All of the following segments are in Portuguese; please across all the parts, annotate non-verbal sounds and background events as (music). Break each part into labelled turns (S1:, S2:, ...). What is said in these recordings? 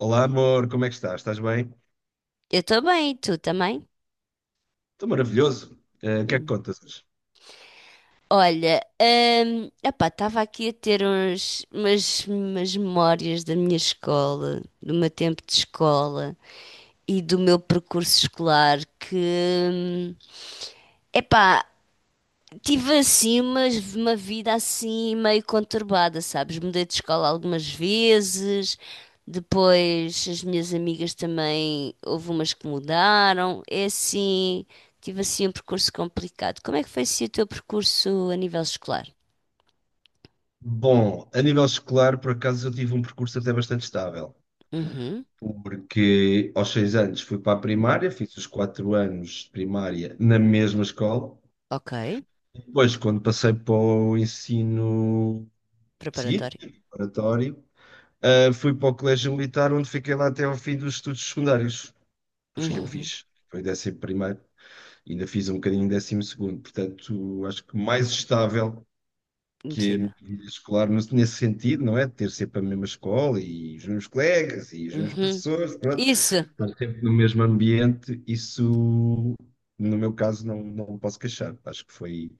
S1: Olá, amor, como é que estás? Estás bem?
S2: Eu estou bem, e tu também?
S1: Estou maravilhoso. O que é que
S2: Hum.
S1: contas hoje?
S2: Olha, epá, estava aqui a ter umas memórias da minha escola, do meu tempo de escola e do meu percurso escolar que, hum, epá, tive assim uma vida assim meio conturbada, sabes? Mudei de escola algumas vezes, depois as minhas amigas também, houve umas que mudaram. É assim, tive assim um percurso complicado. Como é que foi assim o teu percurso a nível escolar?
S1: Bom, a nível escolar, por acaso, eu tive um percurso até bastante estável,
S2: Uhum,
S1: porque aos 6 anos fui para a primária, fiz os 4 anos de primária na mesma escola.
S2: ok.
S1: Depois, quando passei para o ensino seguinte,
S2: Preparatório.
S1: preparatório, fui para o Colégio Militar, onde fiquei lá até ao fim dos estudos secundários, os que eu
S2: Uhum,
S1: fiz. Foi 11º, ainda fiz um bocadinho em 12º, portanto, acho que mais estável que a
S2: impossível.
S1: minha vida escolar, mas nesse sentido, não é? De ter sempre a mesma escola e os meus colegas e os meus
S2: Uhum,
S1: professores, pronto,
S2: isso,
S1: estar sempre no mesmo ambiente, isso, no meu caso, não, não me posso queixar. Acho que foi,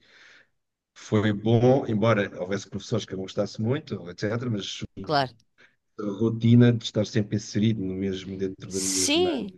S1: foi bom, embora houvesse professores que eu não gostasse muito, etc., mas
S2: claro.
S1: a rotina de estar sempre inserido no mesmo, dentro da mesma
S2: Sim,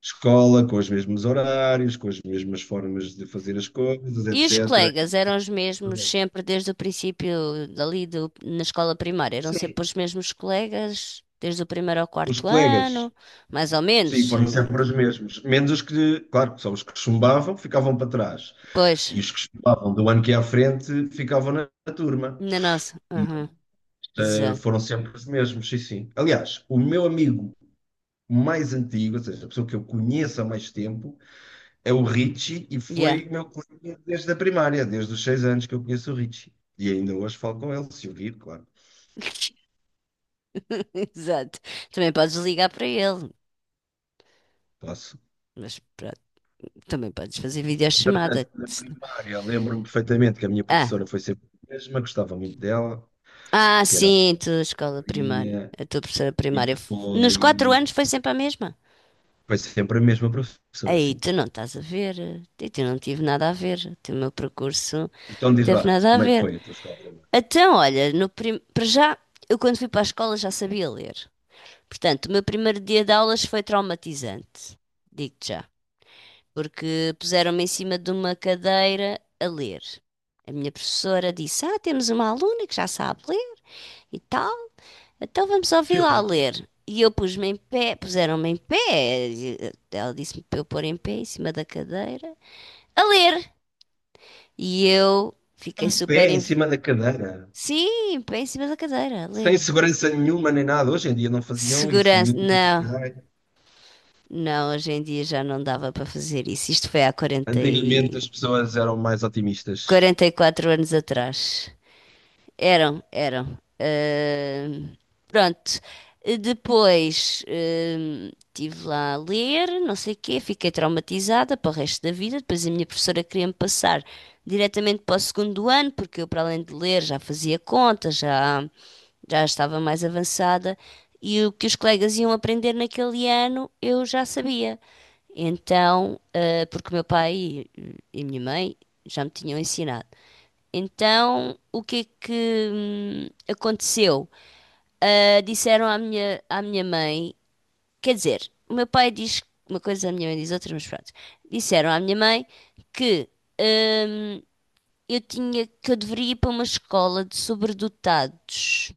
S1: escola, com os mesmos horários, com as mesmas formas de fazer as coisas,
S2: e os
S1: etc.
S2: colegas eram os
S1: Tá
S2: mesmos
S1: bom.
S2: sempre desde o princípio dali na escola primária, eram
S1: Sim.
S2: sempre os mesmos colegas desde o primeiro ao
S1: Os
S2: quarto
S1: colegas.
S2: ano, mais ou
S1: Sim,
S2: menos.
S1: foram sempre os mesmos. Menos os que, claro, que são os que chumbavam, ficavam para trás.
S2: Pois,
S1: E os que chumbavam do ano que ia à frente ficavam na turma.
S2: na nossa. Aham, exato.
S1: Foram sempre os mesmos, sim, sim. Aliás, o meu amigo mais antigo, ou seja, a pessoa que eu conheço há mais tempo, é o Richie e
S2: Yeah,
S1: foi meu colega desde a primária, desde os 6 anos que eu conheço o Richie. E ainda hoje falo com ele, se eu vir, claro,
S2: (laughs) exato. Também podes ligar para ele,
S1: posso.
S2: mas pronto, também podes fazer
S1: Entretanto,
S2: videochamada.
S1: na
S2: Se não-
S1: primária, lembro-me perfeitamente que a minha
S2: Ah,
S1: professora foi sempre a mesma, gostava muito dela, que era a
S2: sim, tu, escola primária,
S1: Farinha.
S2: a tua professora
S1: E
S2: primária. Nos quatro
S1: depois
S2: anos foi sempre a mesma.
S1: foi sempre a mesma professora,
S2: Aí
S1: assim.
S2: tu não estás a ver, eu tu não tive nada a ver, o teu meu percurso
S1: Então diz lá,
S2: teve nada a
S1: como é que
S2: ver.
S1: foi a tua escola primária?
S2: Então, olha, no prim... para já, eu quando fui para a escola já sabia ler. Portanto, o meu primeiro dia de aulas foi traumatizante, digo-te já, porque puseram-me em cima de uma cadeira a ler. A minha professora disse: Ah, temos uma aluna que já sabe ler e tal, então vamos
S1: Que
S2: ouvi-la a
S1: horror.
S2: ler. E eu pus-me em pé, puseram-me em pé, e ela disse-me para eu pôr em pé em cima da cadeira, a ler. E eu fiquei
S1: Um pé
S2: super.
S1: em cima da cadeira,
S2: Sim, pé em cima da cadeira, a ler.
S1: sem segurança nenhuma nem nada. Hoje em dia não faziam isso,
S2: Segurança.
S1: miúdo que
S2: Não,
S1: cai.
S2: não, hoje em dia já não dava para fazer isso. Isto foi há
S1: Antigamente as pessoas eram mais otimistas.
S2: 44 anos atrás. Eram, eram. Pronto. Depois estive lá a ler, não sei o quê, fiquei traumatizada para o resto da vida. Depois a minha professora queria-me passar diretamente para o segundo ano, porque eu, para além de ler, já fazia contas, já estava mais avançada. E o que os colegas iam aprender naquele ano, eu já sabia. Então, porque o meu pai e a minha mãe já me tinham ensinado. Então, o que é que aconteceu? Ah, disseram à minha mãe, quer dizer, o meu pai diz uma coisa, a minha mãe diz outra, mas pronto. Disseram à minha mãe que hum, eu tinha, que eu deveria ir para uma escola de sobredotados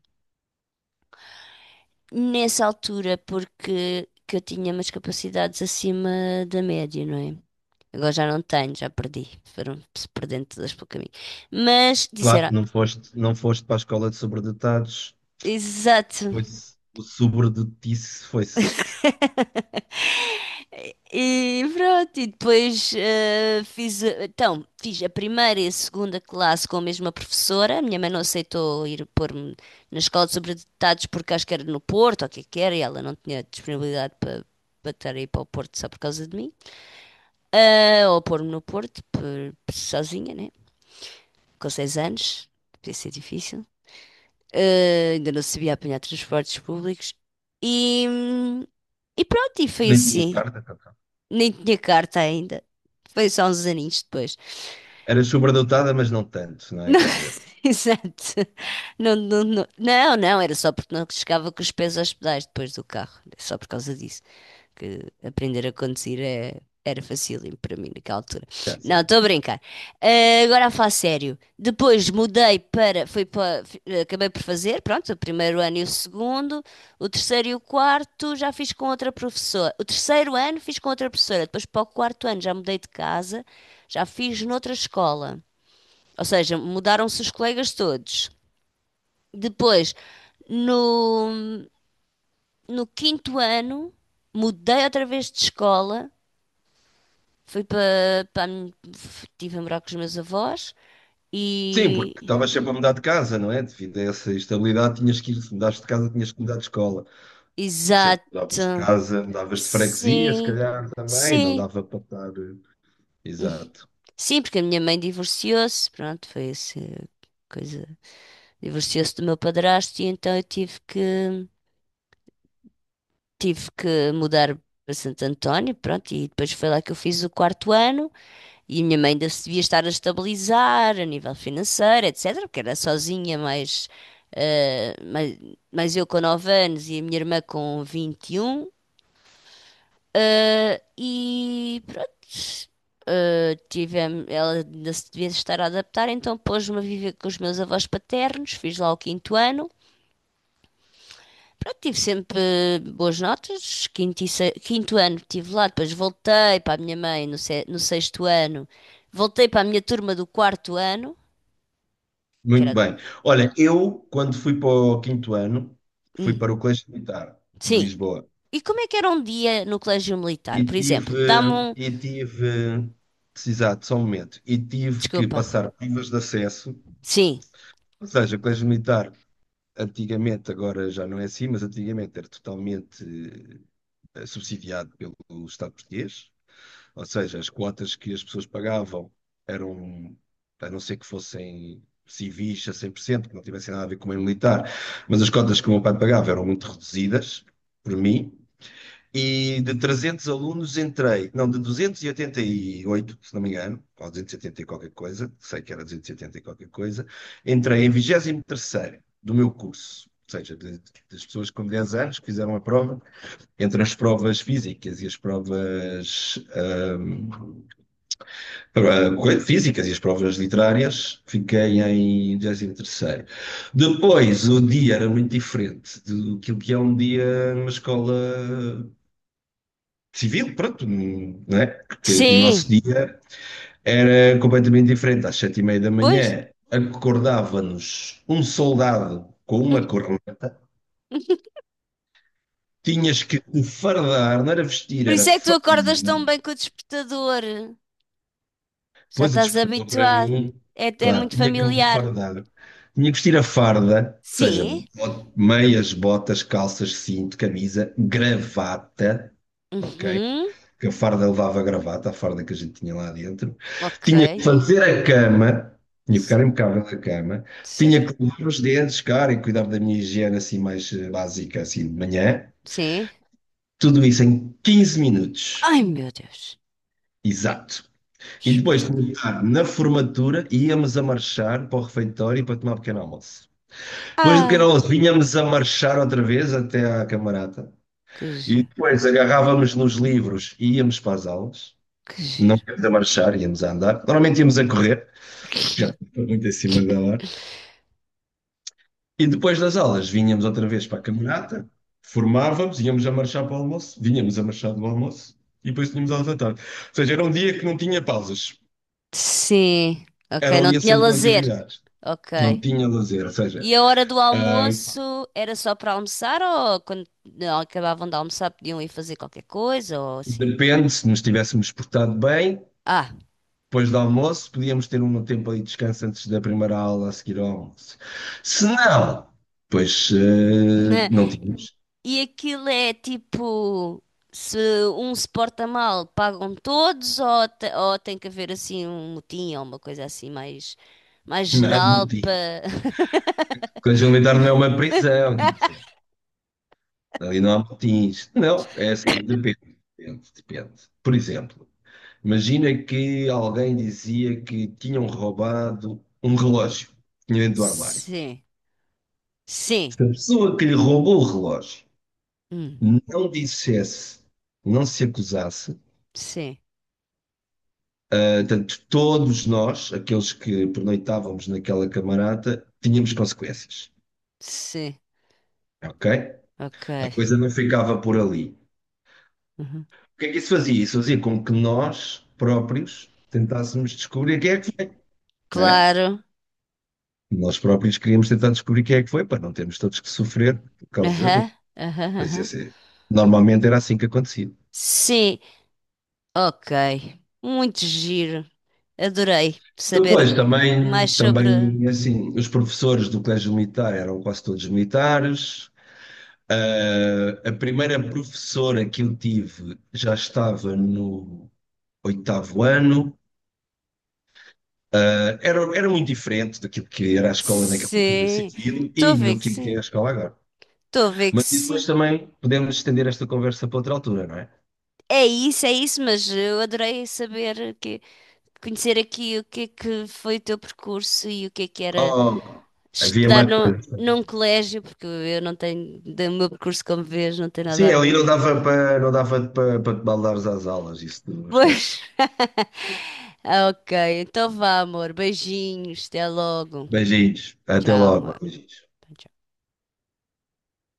S2: nessa altura, porque que eu tinha umas capacidades acima da média, não é? Agora já não tenho, já perdi, foram-se perdendo todas pelo caminho. Mas
S1: Claro,
S2: disseram,
S1: não foste, não foste para a escola de sobredotados,
S2: exato.
S1: pois o sobredotice foi-se.
S2: E pronto, e depois então, fiz a primeira e a segunda classe com a mesma professora. A minha mãe não aceitou ir pôr-me na escola de sobredotados porque acho que era no Porto, ou o que é que era, e ela não tinha disponibilidade para estar aí para o Porto só por causa de mim. Ah, ou pôr-me no Porto sozinha, né? Com 6 anos, devia ser difícil. Ah, ainda não sabia apanhar transportes públicos. E, hum, e pronto, e foi
S1: Nem tinhas
S2: assim.
S1: carta.
S2: Nem tinha carta ainda. Foi só uns aninhos depois.
S1: Eras sobredotada, mas não tanto, não é?
S2: Não,
S1: Quer dizer,
S2: (laughs) exato. Não, não, não, não, não, era só porque não chegava com os pés aos pedais depois do carro. Só por causa disso que aprender a conduzir era facílimo para mim naquela altura.
S1: certo,
S2: Não,
S1: certo.
S2: estou a brincar. Ah, agora a falar sério. Depois mudei para, fui para, acabei por fazer, pronto, o primeiro ano e o segundo, o terceiro e o quarto já fiz com outra professora. O terceiro ano fiz com outra professora, depois para o quarto ano já mudei de casa, já fiz noutra escola. Ou seja, mudaram-se os colegas todos. Depois, no, no quinto ano, mudei outra vez de escola. Fui estive a morar com os meus avós
S1: Sim,
S2: e
S1: porque estavas sempre a mudar de casa, não é? Devido a essa instabilidade, tinhas que ir, se mudaste de casa, tinhas que mudar de escola. Se
S2: exato.
S1: mudavas de casa, mudavas de freguesia, se
S2: Sim.
S1: calhar também, não
S2: Sim.
S1: dava para estar. Exato.
S2: Sim, porque a minha mãe divorciou-se, pronto, foi essa coisa. Divorciou-se do meu padrasto e então eu tive que mudar para Santo António, pronto, e depois foi lá que eu fiz o quarto ano. E a minha mãe ainda se devia estar a estabilizar a nível financeiro, etc., porque era sozinha, eh, mais, mais eu com 9 anos e a minha irmã com 21. E pronto, tivemos, ela ainda se devia estar a adaptar, então pôs-me a viver com os meus avós paternos, fiz lá o quinto ano. Pronto, tive sempre boas notas, quinto, quinto ano estive lá, depois voltei para a minha mãe no sexto ano, voltei para a minha turma do quarto ano que
S1: Muito
S2: era.
S1: bem. Olha, eu, quando fui para o quinto ano, fui
S2: Hum,
S1: para o Colégio Militar de
S2: sim.
S1: Lisboa
S2: E como é que era um dia no Colégio Militar?
S1: e
S2: Por exemplo, dá-me
S1: tive,
S2: um.
S1: e tive, exato, só um momento, e tive que
S2: Desculpa.
S1: passar provas de acesso,
S2: Sim.
S1: ou seja, o Colégio Militar. Antigamente, agora já não é assim, mas antigamente era totalmente subsidiado pelo Estado português, ou seja, as quotas que as pessoas pagavam eram, a não ser que fossem civis a 100%, que não tivessem nada a ver com o meio militar, mas as cotas que o meu pai pagava eram muito reduzidas, por mim, e de 300 alunos entrei, não, de duzentos e oitenta e oito, se não me engano, ou 280 e qualquer coisa, sei que era 280 e qualquer coisa, entrei em 23º do meu curso, ou seja, das pessoas com 10 anos que fizeram a prova, entre as provas físicas e as provas físicas e as provas literárias, fiquei em 23º. Depois, o dia era muito diferente do que é um dia numa escola civil, pronto, não é? Porque o nosso
S2: Sim.
S1: dia era completamente diferente. Às 7h30 da
S2: Pois.
S1: manhã acordava-nos um soldado com uma corneta,
S2: (laughs)
S1: tinhas que te fardar, não era vestir,
S2: Por
S1: era
S2: isso é que tu acordas tão
S1: fardar.
S2: bem com o despertador. Já
S1: Pois o
S2: estás
S1: despertador para
S2: habituado.
S1: mim,
S2: É
S1: claro,
S2: muito
S1: tinha que me
S2: familiar.
S1: fardar. Tinha que vestir a farda, ou seja,
S2: Sim.
S1: meias, botas, calças, cinto, camisa, gravata, ok?
S2: Uhum.
S1: Porque a farda levava gravata, a farda que a gente tinha lá dentro.
S2: Ok.
S1: Tinha que fazer a cama, tinha que ficar
S2: Ce-
S1: impecável a cama.
S2: Certo.
S1: Tinha que lavar os dentes, cara, e cuidar da minha higiene assim mais básica, assim de manhã.
S2: Sim.
S1: Tudo isso em 15 minutos.
S2: Ai, meu Deus.
S1: Exato. E depois de
S2: Espetacular.
S1: na formatura, íamos a marchar para o refeitório para tomar um pequeno almoço. Depois do pequeno
S2: Ah,
S1: almoço, vinhamos a marchar outra vez até à camarata.
S2: que
S1: E
S2: giro.
S1: depois agarrávamos nos livros e íamos para as aulas.
S2: Que
S1: Não
S2: giro.
S1: íamos a marchar, íamos a andar. Normalmente íamos a correr, porque já estava muito acima da
S2: (laughs)
S1: hora. E depois das aulas, vinhamos outra vez para a camarata, formávamos, íamos a marchar para o almoço, vinhamos a marchar do almoço e depois tínhamos aulas à tarde. Ou seja, era um dia que não tinha pausas.
S2: Sim,
S1: Era
S2: ok.
S1: um
S2: Não
S1: dia
S2: tinha
S1: sempre com
S2: lazer.
S1: atividades. Não
S2: Ok.
S1: tinha lazer, ou seja,
S2: E a hora do
S1: ah,
S2: almoço era só para almoçar ou quando acabavam de almoçar podiam ir fazer qualquer coisa ou assim?
S1: depende, se nos tivéssemos portado bem,
S2: Ah,
S1: depois do almoço, podíamos ter um tempo ali de descanso antes da primeira aula a seguir ao almoço. Se não, pois
S2: (laughs)
S1: não tínhamos.
S2: e aquilo é tipo, se um se porta mal, pagam todos ou tem que haver assim um motim ou uma coisa assim mais
S1: Não há
S2: geral
S1: motim.
S2: para... (laughs)
S1: Colégio Militar não é uma prisão, quer dizer, ali não há motins. Não, é assim, depende, depende, depende. Por exemplo, imagina que alguém dizia que tinham roubado um relógio, que tinha dentro do armário.
S2: Sim, sim,
S1: Se a pessoa que lhe roubou o relógio
S2: hum,
S1: não dissesse, não se acusasse,
S2: sim,
S1: portanto, todos nós, aqueles que pernoitávamos naquela camarata, tínhamos consequências,
S2: sim,
S1: ok?
S2: ok.
S1: A coisa não ficava por ali.
S2: Uhum.
S1: O que é que isso fazia? Isso fazia com que nós próprios tentássemos descobrir quem é que foi, né?
S2: Claro.
S1: Nós próprios queríamos tentar descobrir quem é que foi, para não termos todos que sofrer por causa de um.
S2: Aham, aham,
S1: Mas
S2: aham.
S1: isso é- Normalmente era assim que acontecia.
S2: Sim, ok. Muito giro. Adorei saber
S1: Depois também,
S2: mais sobre.
S1: também assim, os professores do colégio militar eram quase todos militares. Ah, a primeira professora que eu tive já estava no oitavo ano. Ah, era muito diferente daquilo que era a escola naquela cultura
S2: Sim,
S1: civil
S2: estou a
S1: e
S2: ver
S1: no
S2: que
S1: que é a
S2: sim.
S1: escola agora.
S2: Estou a ver que
S1: Mas isso depois
S2: sim.
S1: também podemos estender esta conversa para outra altura, não é?
S2: É isso, mas eu adorei saber que conhecer aqui o que é que foi o teu percurso e o que é que era
S1: Oh, havia
S2: estudar
S1: mais
S2: no,
S1: coisas.
S2: num colégio, porque eu não tenho, do meu percurso, como vês, não tem nada
S1: Sim,
S2: a
S1: ali
S2: ver.
S1: não dava para te baldares às aulas, isso não
S2: Pois.
S1: esquece.
S2: (laughs) Ok, então vá, amor. Beijinhos, até logo.
S1: Beijinhos, até
S2: Tchau,
S1: logo,
S2: amor.
S1: beijinhos.
S2: Tchau.